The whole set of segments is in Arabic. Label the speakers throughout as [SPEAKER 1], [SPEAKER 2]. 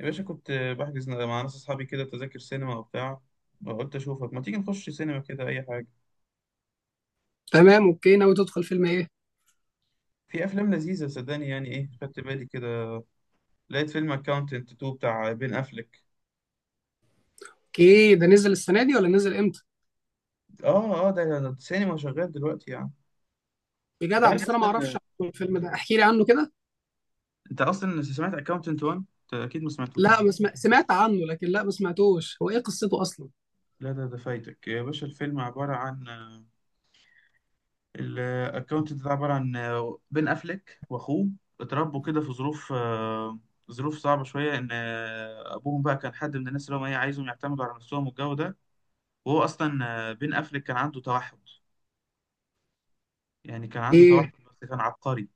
[SPEAKER 1] يا باشا، كنت بحجز مع ناس أصحابي كده تذاكر سينما وبتاع. قلت أشوفك، ما تيجي نخش سينما كده أي حاجة.
[SPEAKER 2] تمام، اوكي. ناوي تدخل فيلم ايه؟
[SPEAKER 1] في أفلام لذيذة صدقني، يعني إيه خدت بالي كده، لقيت فيلم أكاونتنت 2 بتاع بين أفليك.
[SPEAKER 2] اوكي، ده نزل السنه دي ولا نزل امتى؟
[SPEAKER 1] آه آه، ده السينما شغال دلوقتي يعني. أنت
[SPEAKER 2] بجدع،
[SPEAKER 1] عارف
[SPEAKER 2] بس انا ما اعرفش
[SPEAKER 1] أصلا،
[SPEAKER 2] عنه الفيلم ده، احكي لي عنه كده.
[SPEAKER 1] أنت أصلا سمعت أكاونتنت 1؟ أنت أكيد ما سمعتوش.
[SPEAKER 2] لا، ما سمع... سمعت عنه، لكن لا، ما سمعتوش. هو ايه قصته اصلا؟
[SPEAKER 1] لا، ده فايتك يا باشا. الفيلم عبارة عن، الاكونت ده عباره عن بين افليك واخوه اتربوا كده في ظروف صعبه شويه، ان ابوهم بقى كان حد من الناس اللي هم ايه، عايزهم يعتمدوا على نفسهم والجو ده. وهو اصلا بين افليك كان عنده توحد. يعني كان عنده توحد
[SPEAKER 2] ايه،
[SPEAKER 1] بس كان عبقري.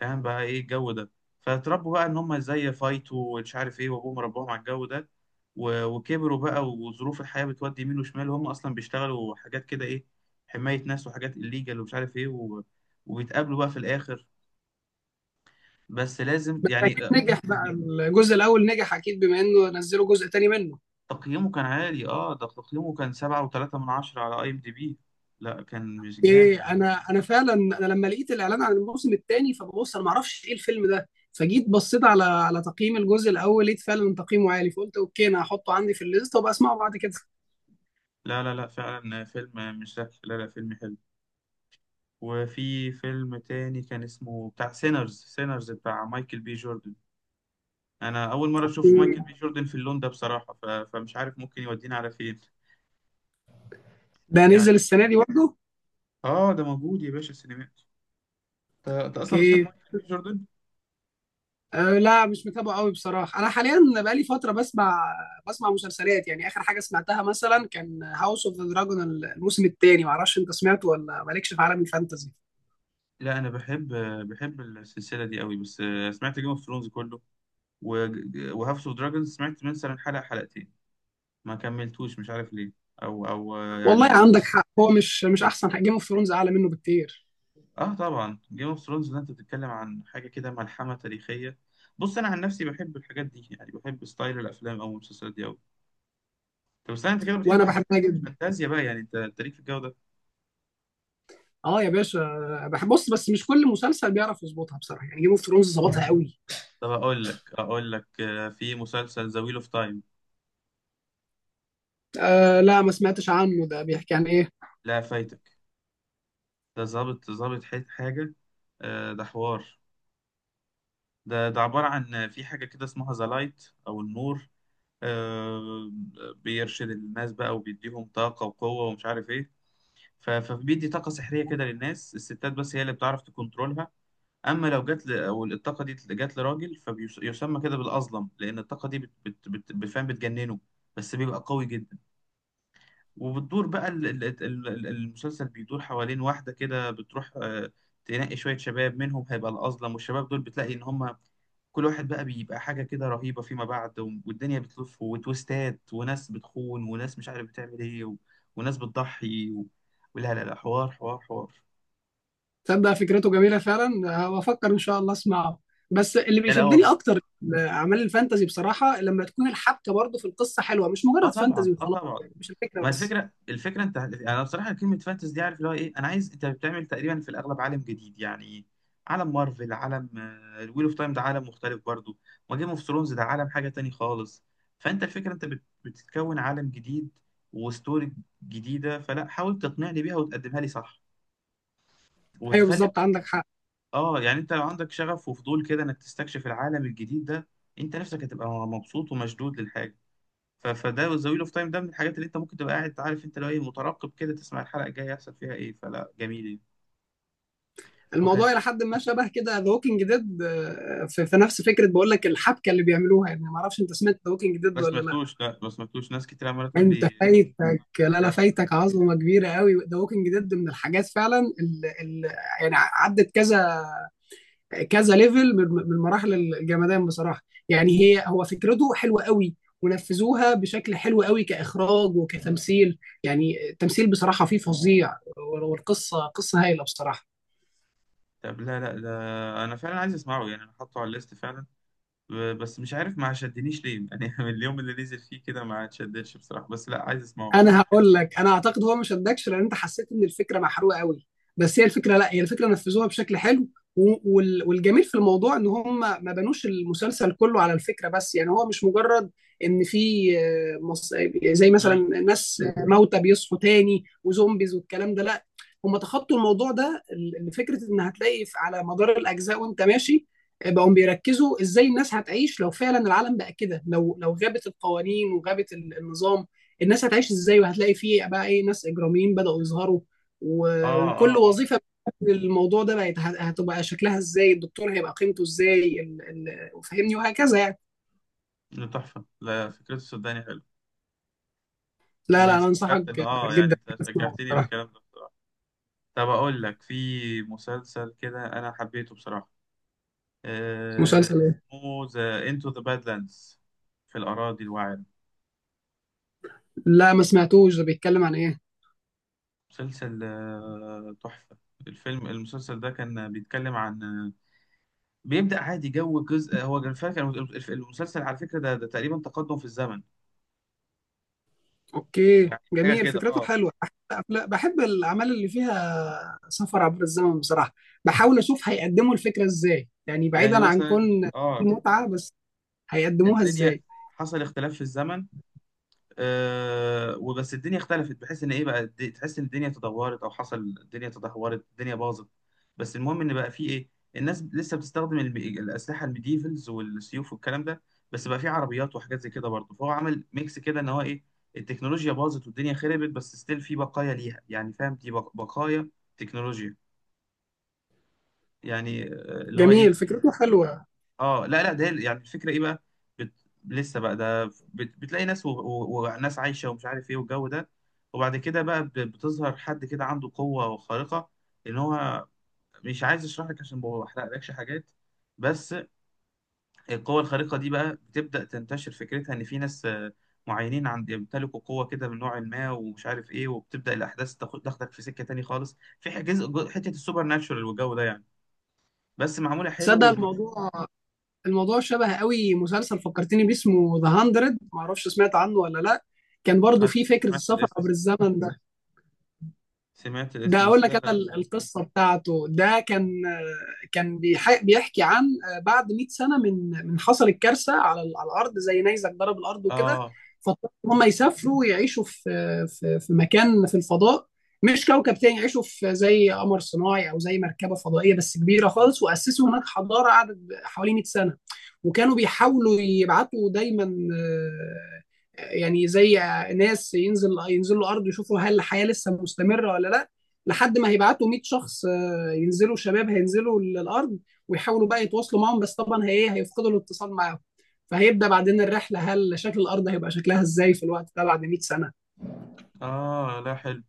[SPEAKER 1] فاهم بقى ايه الجو ده. فاتربوا بقى ان هم ازاي يفايتوا ومش عارف ايه، وابوهم رباهم على الجو ده. وكبروا بقى، وظروف الحياه بتودي يمين وشمال، وهم اصلا بيشتغلوا حاجات كده ايه، حمايه ناس وحاجات الليجال ومش عارف ايه، و... وبيتقابلوا بقى في الاخر. بس لازم
[SPEAKER 2] بس
[SPEAKER 1] يعني
[SPEAKER 2] اكيد نجح بقى. الجزء الاول نجح اكيد، بما انه نزلوا جزء تاني منه.
[SPEAKER 1] تقييمه كان عالي، اه ده تقييمه كان سبعة وتلاتة من عشرة على اي ام دي بي. لا كان مش جامد.
[SPEAKER 2] ايه، انا فعلا. انا لما لقيت الاعلان عن الموسم الثاني فببص انا ما اعرفش ايه الفيلم ده، فجيت بصيت على تقييم الجزء الاول، لقيت فعلا تقييمه عالي، فقلت اوكي، انا هحطه عندي في الليست وابقى اسمعه بعد كده.
[SPEAKER 1] لا لا لا، فعلا فيلم مش ذكي، لا لا فيلم حلو. وفي فيلم تاني كان اسمه بتاع سينرز، سينرز بتاع مايكل بي جوردن. انا اول مرة اشوف مايكل
[SPEAKER 2] إيه،
[SPEAKER 1] بي جوردن في اللون ده بصراحة، فمش عارف ممكن يودينا على فين.
[SPEAKER 2] ده
[SPEAKER 1] يعني،
[SPEAKER 2] نزل السنه دي برضه؟
[SPEAKER 1] اه ده موجود يا باشا السينمات. أنت اصلا بتحب
[SPEAKER 2] اوكي.
[SPEAKER 1] مايكل بي جوردن؟
[SPEAKER 2] أه، لا، مش متابعه قوي بصراحه. انا حاليا بقالي فتره بسمع مسلسلات. يعني اخر حاجه سمعتها مثلا كان هاوس اوف ذا دراجون الموسم الثاني، معرفش انت سمعته ولا مالكش في عالم الفانتازي.
[SPEAKER 1] لا انا بحب، بحب السلسلة دي قوي، بس سمعت جيم اوف ثرونز كله، وهاوس اوف دراجونز سمعت مثلا حلقة حلقتين، ما كملتوش مش عارف ليه. او او آه،
[SPEAKER 2] والله
[SPEAKER 1] يعني،
[SPEAKER 2] عندك حق، هو مش احسن حاجه، جيم اوف ثرونز اعلى منه بكتير.
[SPEAKER 1] اه طبعا جيم اوف ثرونز ده انت بتتكلم عن حاجة كده ملحمة تاريخية. بص، انا عن نفسي بحب الحاجات دي، يعني بحب ستايل الافلام او المسلسلات دي قوي. طب استنى، انت كده بتحب
[SPEAKER 2] وانا
[SPEAKER 1] حاجات
[SPEAKER 2] بحبها جدا.
[SPEAKER 1] فانتازيا بقى يعني، انت ليك في الجو ده.
[SPEAKER 2] اه يا باشا. بحب، بص، بس مش كل مسلسل بيعرف يظبطها بصراحه، يعني جيم اوف ثرونز ظبطها قوي.
[SPEAKER 1] طب اقول لك في مسلسل ذا ويل اوف تايم.
[SPEAKER 2] أه، لا، ما سمعتش عنه، ده بيحكي عن ايه؟
[SPEAKER 1] لا فايتك. ده ظابط ظابط حاجة ده حوار، ده عبارة عن، في حاجة كده اسمها ذا لايت او النور آه، بيرشد الناس بقى، وبيديهم طاقة وقوة ومش عارف ايه. فبيدي طاقة سحرية كده للناس. الستات بس هي اللي بتعرف تكنترولها. اما لو او الطاقة دي جت لراجل فبيسمى كده بالأظلم، لأن الطاقة دي بتفهم بتجننه، بس بيبقى قوي جدا. وبتدور بقى، المسلسل بيدور حوالين واحدة كده بتروح تنقي شوية شباب منهم، هيبقى الأظلم، والشباب دول بتلاقي إن هم كل واحد بقى بيبقى حاجة كده رهيبة فيما بعد، والدنيا بتلف وتويستات وناس بتخون وناس مش عارف بتعمل ايه، و... وناس بتضحي. و... ولا لا لا، حوار حوار حوار.
[SPEAKER 2] تصدق فكرته جميلة فعلا، هفكر إن شاء الله أسمعه. بس اللي
[SPEAKER 1] لا لا هو،
[SPEAKER 2] بيشدني أكتر أعمال الفانتازي بصراحة، لما تكون الحبكة برضه في القصة حلوة، مش
[SPEAKER 1] اه
[SPEAKER 2] مجرد
[SPEAKER 1] طبعا،
[SPEAKER 2] فانتازي
[SPEAKER 1] اه
[SPEAKER 2] وخلاص،
[SPEAKER 1] طبعا.
[SPEAKER 2] يعني مش الفكرة
[SPEAKER 1] ما
[SPEAKER 2] بس.
[SPEAKER 1] الفكره الفكره انا بصراحه، كلمه فانتز دي عارف اللي هو ايه، انا عايز، انت بتعمل تقريبا في الاغلب عالم جديد يعني. عالم مارفل، عالم الويل اوف تايم ده عالم مختلف برضو، ما جيم اوف ثرونز ده عالم حاجه تاني خالص. فانت الفكره انت بتتكون عالم جديد وستوري جديده، فلا حاول تقنعني بيها وتقدمها لي صح
[SPEAKER 2] أيوه،
[SPEAKER 1] وتخلي،
[SPEAKER 2] بالظبط، عندك حق.
[SPEAKER 1] اه يعني. انت لو عندك شغف وفضول كده انك تستكشف العالم الجديد ده، انت نفسك هتبقى مبسوط ومشدود للحاجه. فده ذا ويل اوف تايم ده من الحاجات اللي انت ممكن تبقى قاعد عارف انت لو ايه مترقب كده تسمع الحلقه الجايه يحصل فيها ايه، فلا جميل يعني. وكان
[SPEAKER 2] الموضوع إلى حد ما شبه كده ذا ووكينج ديد، في نفس فكرة، بقول لك الحبكة اللي بيعملوها، يعني معرفش أنت سمعت ذا ووكينج
[SPEAKER 1] ما
[SPEAKER 2] ديد ولا لا.
[SPEAKER 1] سمعتوش، لا ما سمعتوش، ناس كتير عماله تقول
[SPEAKER 2] يعني أنت
[SPEAKER 1] لي
[SPEAKER 2] فايتك، لا لا،
[SPEAKER 1] ده-
[SPEAKER 2] فايتك عظمة كبيرة قوي. ذا ووكينج ديد من الحاجات فعلا اللي، يعني، عدت كذا كذا ليفل من مراحل الجمدان بصراحه. يعني هو فكرته حلوه قوي، ونفذوها بشكل حلو قوي كاخراج وكتمثيل. يعني التمثيل بصراحه فيه فظيع، والقصه قصه هايله بصراحه.
[SPEAKER 1] طب لا لا ده، انا فعلا عايز اسمعه يعني، انا حاطه على الليست فعلا. بس مش عارف ما شدنيش ليه يعني من اليوم اللي نزل فيه كده ما اتشددش بصراحه، بس لا عايز اسمعه.
[SPEAKER 2] انا هقول لك، انا اعتقد هو ما شدكش لان انت حسيت ان الفكره محروقه قوي. بس هي الفكره، لا، هي الفكره نفذوها بشكل حلو. والجميل في الموضوع ان هم ما بنوش المسلسل كله على الفكره بس. يعني هو مش مجرد ان في زي
[SPEAKER 1] مم.
[SPEAKER 2] مثلا ناس موتى بيصحوا تاني وزومبيز والكلام ده، لا، هم تخطوا الموضوع ده لفكره ان هتلاقي على مدار الاجزاء وانت ماشي. بقوا بيركزوا ازاي الناس هتعيش لو فعلا العالم بقى كده. لو غابت القوانين وغابت النظام، الناس هتعيش ازاي؟ وهتلاقي فيه بقى ايه ناس اجراميين بدأوا يظهروا. و...
[SPEAKER 1] اه
[SPEAKER 2] وكل
[SPEAKER 1] اه اه،
[SPEAKER 2] وظيفة الموضوع ده بقت هتبقى شكلها ازاي، الدكتور هيبقى قيمته ازاي. وفهمني وهكذا يعني.
[SPEAKER 1] ده تحفه، لا فكرته صدقني حلو،
[SPEAKER 2] لا لا، انا انصحك
[SPEAKER 1] واستفدت ان اه يعني
[SPEAKER 2] جدا
[SPEAKER 1] انت
[SPEAKER 2] تسمعه
[SPEAKER 1] شجعتني
[SPEAKER 2] بصراحة.
[SPEAKER 1] بالكلام ده بصراحه. طب اقول لك، في مسلسل كده انا حبيته بصراحه آه،
[SPEAKER 2] مسلسل ايه؟
[SPEAKER 1] اسمه ذا انتو ذا بادلاندز، في الأراضي الوعرة.
[SPEAKER 2] لا، ما سمعتوش، ده بيتكلم عن ايه؟
[SPEAKER 1] مسلسل تحفة. الفيلم المسلسل ده كان بيتكلم عن بيبدأ عادي، جو جزء هو كان فاكر المسلسل على فكرة، ده تقريبا تقدم في الزمن.
[SPEAKER 2] اوكي،
[SPEAKER 1] يعني حاجة
[SPEAKER 2] جميل
[SPEAKER 1] كده
[SPEAKER 2] فكرته
[SPEAKER 1] اه،
[SPEAKER 2] حلوة، بحب. بحب الاعمال اللي فيها سفر عبر الزمن بصراحة، بحاول اشوف هيقدموا الفكرة ازاي، يعني
[SPEAKER 1] يعني
[SPEAKER 2] بعيدا عن
[SPEAKER 1] مثلا،
[SPEAKER 2] كون
[SPEAKER 1] اه
[SPEAKER 2] المتعة بس، هيقدموها
[SPEAKER 1] الدنيا
[SPEAKER 2] ازاي.
[SPEAKER 1] حصل اختلاف في الزمن. آه وبس الدنيا اختلفت بحيث ان ايه بقى، تحس ان الدنيا تدهورت، او حصل الدنيا تدهورت، الدنيا باظت. بس المهم ان بقى في ايه، الناس لسه بتستخدم الاسلحه الميديفلز والسيوف والكلام ده، بس بقى في عربيات وحاجات زي كده برضه، فهو عمل ميكس كده ان هو ايه، التكنولوجيا باظت والدنيا خربت بس ستيل في بقايا ليها، يعني فاهم، دي بقايا تكنولوجيا، يعني اللي هو
[SPEAKER 2] جميل
[SPEAKER 1] ايه.
[SPEAKER 2] فكرته حلوة.
[SPEAKER 1] اه لا لا، ده يعني الفكره ايه بقى، بت... لسه بقى ده بتلاقي ناس، و... و... وناس عايشه ومش عارف ايه والجو ده. وبعد كده بقى بتظهر حد كده عنده قوه خارقه، ان هو، مش عايز اشرح لك عشان ما بحرقلكش حاجات، بس القوه الخارقه دي بقى بتبدا تنتشر، فكرتها ان في ناس معينين عند يمتلكوا قوه كده من نوع ما ومش عارف ايه، وبتبدا الاحداث تاخدك في سكه تاني خالص، في جزء حته السوبر ناتشورال والجو ده يعني. بس معموله حلو.
[SPEAKER 2] تصدق
[SPEAKER 1] وما
[SPEAKER 2] الموضوع شبه قوي مسلسل فكرتني بيه اسمه ذا 100، معرفش سمعت عنه ولا لا. كان برضو
[SPEAKER 1] ما
[SPEAKER 2] فيه فكرة
[SPEAKER 1] سمعت
[SPEAKER 2] السفر
[SPEAKER 1] الاسم،
[SPEAKER 2] عبر الزمن.
[SPEAKER 1] سمعت
[SPEAKER 2] ده
[SPEAKER 1] الاسم،
[SPEAKER 2] اقول
[SPEAKER 1] بس
[SPEAKER 2] لك
[SPEAKER 1] لا لا.
[SPEAKER 2] انا القصه بتاعته. ده كان كان بيحكي عن بعد 100 سنه من حصلت كارثه على على الارض، زي نيزك ضرب الارض وكده.
[SPEAKER 1] اه
[SPEAKER 2] فاضطروا ان هم يسافروا ويعيشوا في في مكان في الفضاء، مش كوكب تاني يعيشوا في، زي قمر صناعي او زي مركبه فضائيه بس كبيره خالص، واسسوا هناك حضاره قعدت حوالي 100 سنه. وكانوا بيحاولوا يبعتوا دايما، آه، يعني زي ناس ينزلوا الارض يشوفوا هل الحياه لسه مستمره ولا لا، لحد ما هيبعتوا 100 شخص ينزلوا، شباب هينزلوا الارض ويحاولوا بقى يتواصلوا معاهم، بس طبعا هي ايه، هيفقدوا الاتصال معاهم. فهيبدا بعدين الرحله، هل شكل الارض هيبقى شكلها ازاي في الوقت ده بعد 100 سنه.
[SPEAKER 1] اه لا حلو،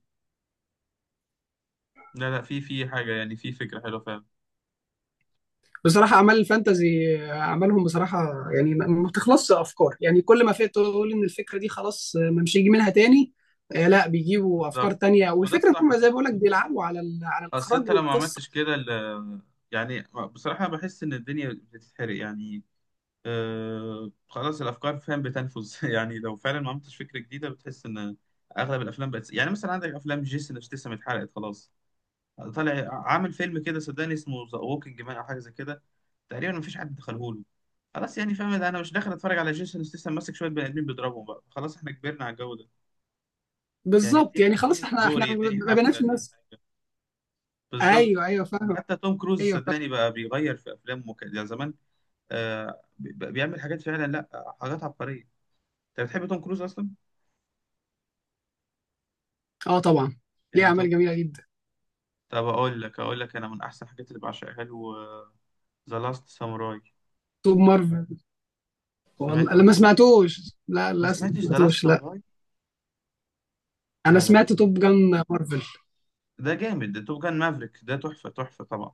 [SPEAKER 1] لا لا في حاجة، يعني في فكرة حلوة فعلا.
[SPEAKER 2] بصراحه اعمال الفانتازي اعمالهم بصراحه، يعني ما بتخلصش افكار. يعني كل ما في تقول ان الفكره دي خلاص، ما مش هيجي منها تاني. لا، بيجيبوا افكار
[SPEAKER 1] بالظبط،
[SPEAKER 2] تانية،
[SPEAKER 1] وده
[SPEAKER 2] والفكره
[SPEAKER 1] الصح،
[SPEAKER 2] هم زي ما بقول لك بيلعبوا على على
[SPEAKER 1] أصل
[SPEAKER 2] الاخراج
[SPEAKER 1] انت لو ما
[SPEAKER 2] والقصه.
[SPEAKER 1] عملتش كده يعني بصراحة بحس ان الدنيا بتتحرق يعني، خلاص الافكار فاهم بتنفذ يعني لو فعلا ما عملتش فكرة جديدة بتحس ان اغلب الافلام بقت، يعني مثلا عندك افلام جيسون ستاثام اتحرقت خلاص، طالع عامل فيلم كده صدقني اسمه ذا ووكينج مان او حاجة زي كده، تقريبا مفيش حد دخله له، خلاص يعني فاهم ده، انا مش داخل اتفرج على جيسون ستاثام ماسك شويه بني ادمين بيضربهم بقى، خلاص احنا كبرنا على الجو ده. يعني
[SPEAKER 2] بالظبط،
[SPEAKER 1] اديني
[SPEAKER 2] يعني
[SPEAKER 1] اديني
[SPEAKER 2] خلاص احنا،
[SPEAKER 1] ستوري، اديني
[SPEAKER 2] ما
[SPEAKER 1] حبكه،
[SPEAKER 2] بناش
[SPEAKER 1] اديني
[SPEAKER 2] الناس.
[SPEAKER 1] حاجه. بالظبط
[SPEAKER 2] ايوه
[SPEAKER 1] يعني.
[SPEAKER 2] ايوه فاهم.
[SPEAKER 1] حتى توم كروز
[SPEAKER 2] ايوه.
[SPEAKER 1] صدقني بقى بيغير في افلامه، كان يعني زمان بيعمل حاجات فعلا، لا حاجات عبقريه. انت بتحب توم كروز اصلا؟
[SPEAKER 2] اه طبعا. ليه
[SPEAKER 1] يعني توم،
[SPEAKER 2] اعمال جميله جدا.
[SPEAKER 1] طب اقول لك انا من احسن الحاجات اللي بعشقها له، ذا لاست ساموراي.
[SPEAKER 2] توب مارفل. والله
[SPEAKER 1] سمعت
[SPEAKER 2] انا ما
[SPEAKER 1] اصلا؟
[SPEAKER 2] سمعتوش، لا،
[SPEAKER 1] ما
[SPEAKER 2] للاسف ما
[SPEAKER 1] سمعتش ذا لاست
[SPEAKER 2] سمعتوش لا.
[SPEAKER 1] ساموراي؟
[SPEAKER 2] انا
[SPEAKER 1] لا لا،
[SPEAKER 2] سمعت توب جان مارفل.
[SPEAKER 1] ده جامد، ده توب جان مافريك ده تحفه تحفه طبعا.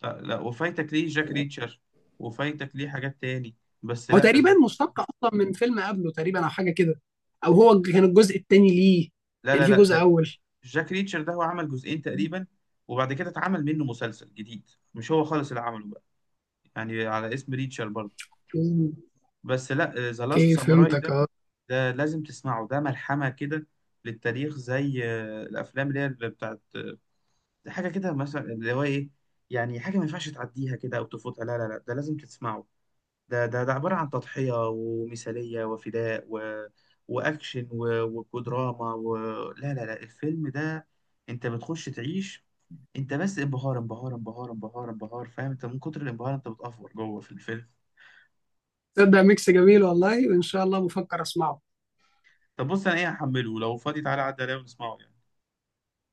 [SPEAKER 1] لا وفايتك ليه جاك ريتشر، وفايتك ليه حاجات تاني، بس
[SPEAKER 2] هو
[SPEAKER 1] لا
[SPEAKER 2] تقريبا
[SPEAKER 1] لا.
[SPEAKER 2] مشتق اصلا من فيلم قبله تقريبا او حاجه كده، او هو كان الجزء الثاني ليه،
[SPEAKER 1] لا
[SPEAKER 2] يعني
[SPEAKER 1] لا,
[SPEAKER 2] في
[SPEAKER 1] لا
[SPEAKER 2] جزء
[SPEAKER 1] ده،
[SPEAKER 2] اول.
[SPEAKER 1] جاك ريتشر ده هو عمل جزئين تقريبا، وبعد كده اتعمل منه مسلسل جديد، مش هو خالص اللي عمله بقى، يعني على اسم ريتشر برضه.
[SPEAKER 2] مم.
[SPEAKER 1] بس لا، ذا لاست
[SPEAKER 2] اوكي
[SPEAKER 1] ساموراي
[SPEAKER 2] فهمتك،
[SPEAKER 1] ده،
[SPEAKER 2] اه.
[SPEAKER 1] ده لازم تسمعه، ده ملحمة كده للتاريخ، زي الافلام اللي هي اللي بتاعت حاجة كده مثلا اللي هو ايه، يعني حاجة ما ينفعش تعديها كده او تفوتها، لا لا لا ده لازم تسمعه. ده عبارة عن تضحية ومثالية وفداء، و... وأكشن، و... وكدراما. و... لا لا لا، الفيلم ده أنت بتخش تعيش، أنت بس انبهار انبهار انبهار انبهار انبهار فاهم، أنت من كتر الانبهار أنت بتأفور جوه في الفيلم.
[SPEAKER 2] تصدق ميكس جميل والله، وان شاء الله بفكر اسمعه.
[SPEAKER 1] طب بص، أنا إيه هحمله لو فاضي تعالى عدى عليا ونسمعه يعني.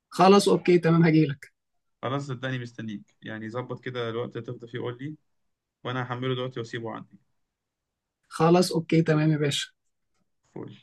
[SPEAKER 2] خلاص اوكي تمام، هجيلك.
[SPEAKER 1] خلاص صدقني مستنيك، يعني ظبط كده الوقت اللي تفضى فيه قول لي، وأنا هحمله دلوقتي وأسيبه عندي.
[SPEAKER 2] خلاص اوكي تمام يا باشا.
[SPEAKER 1] فل.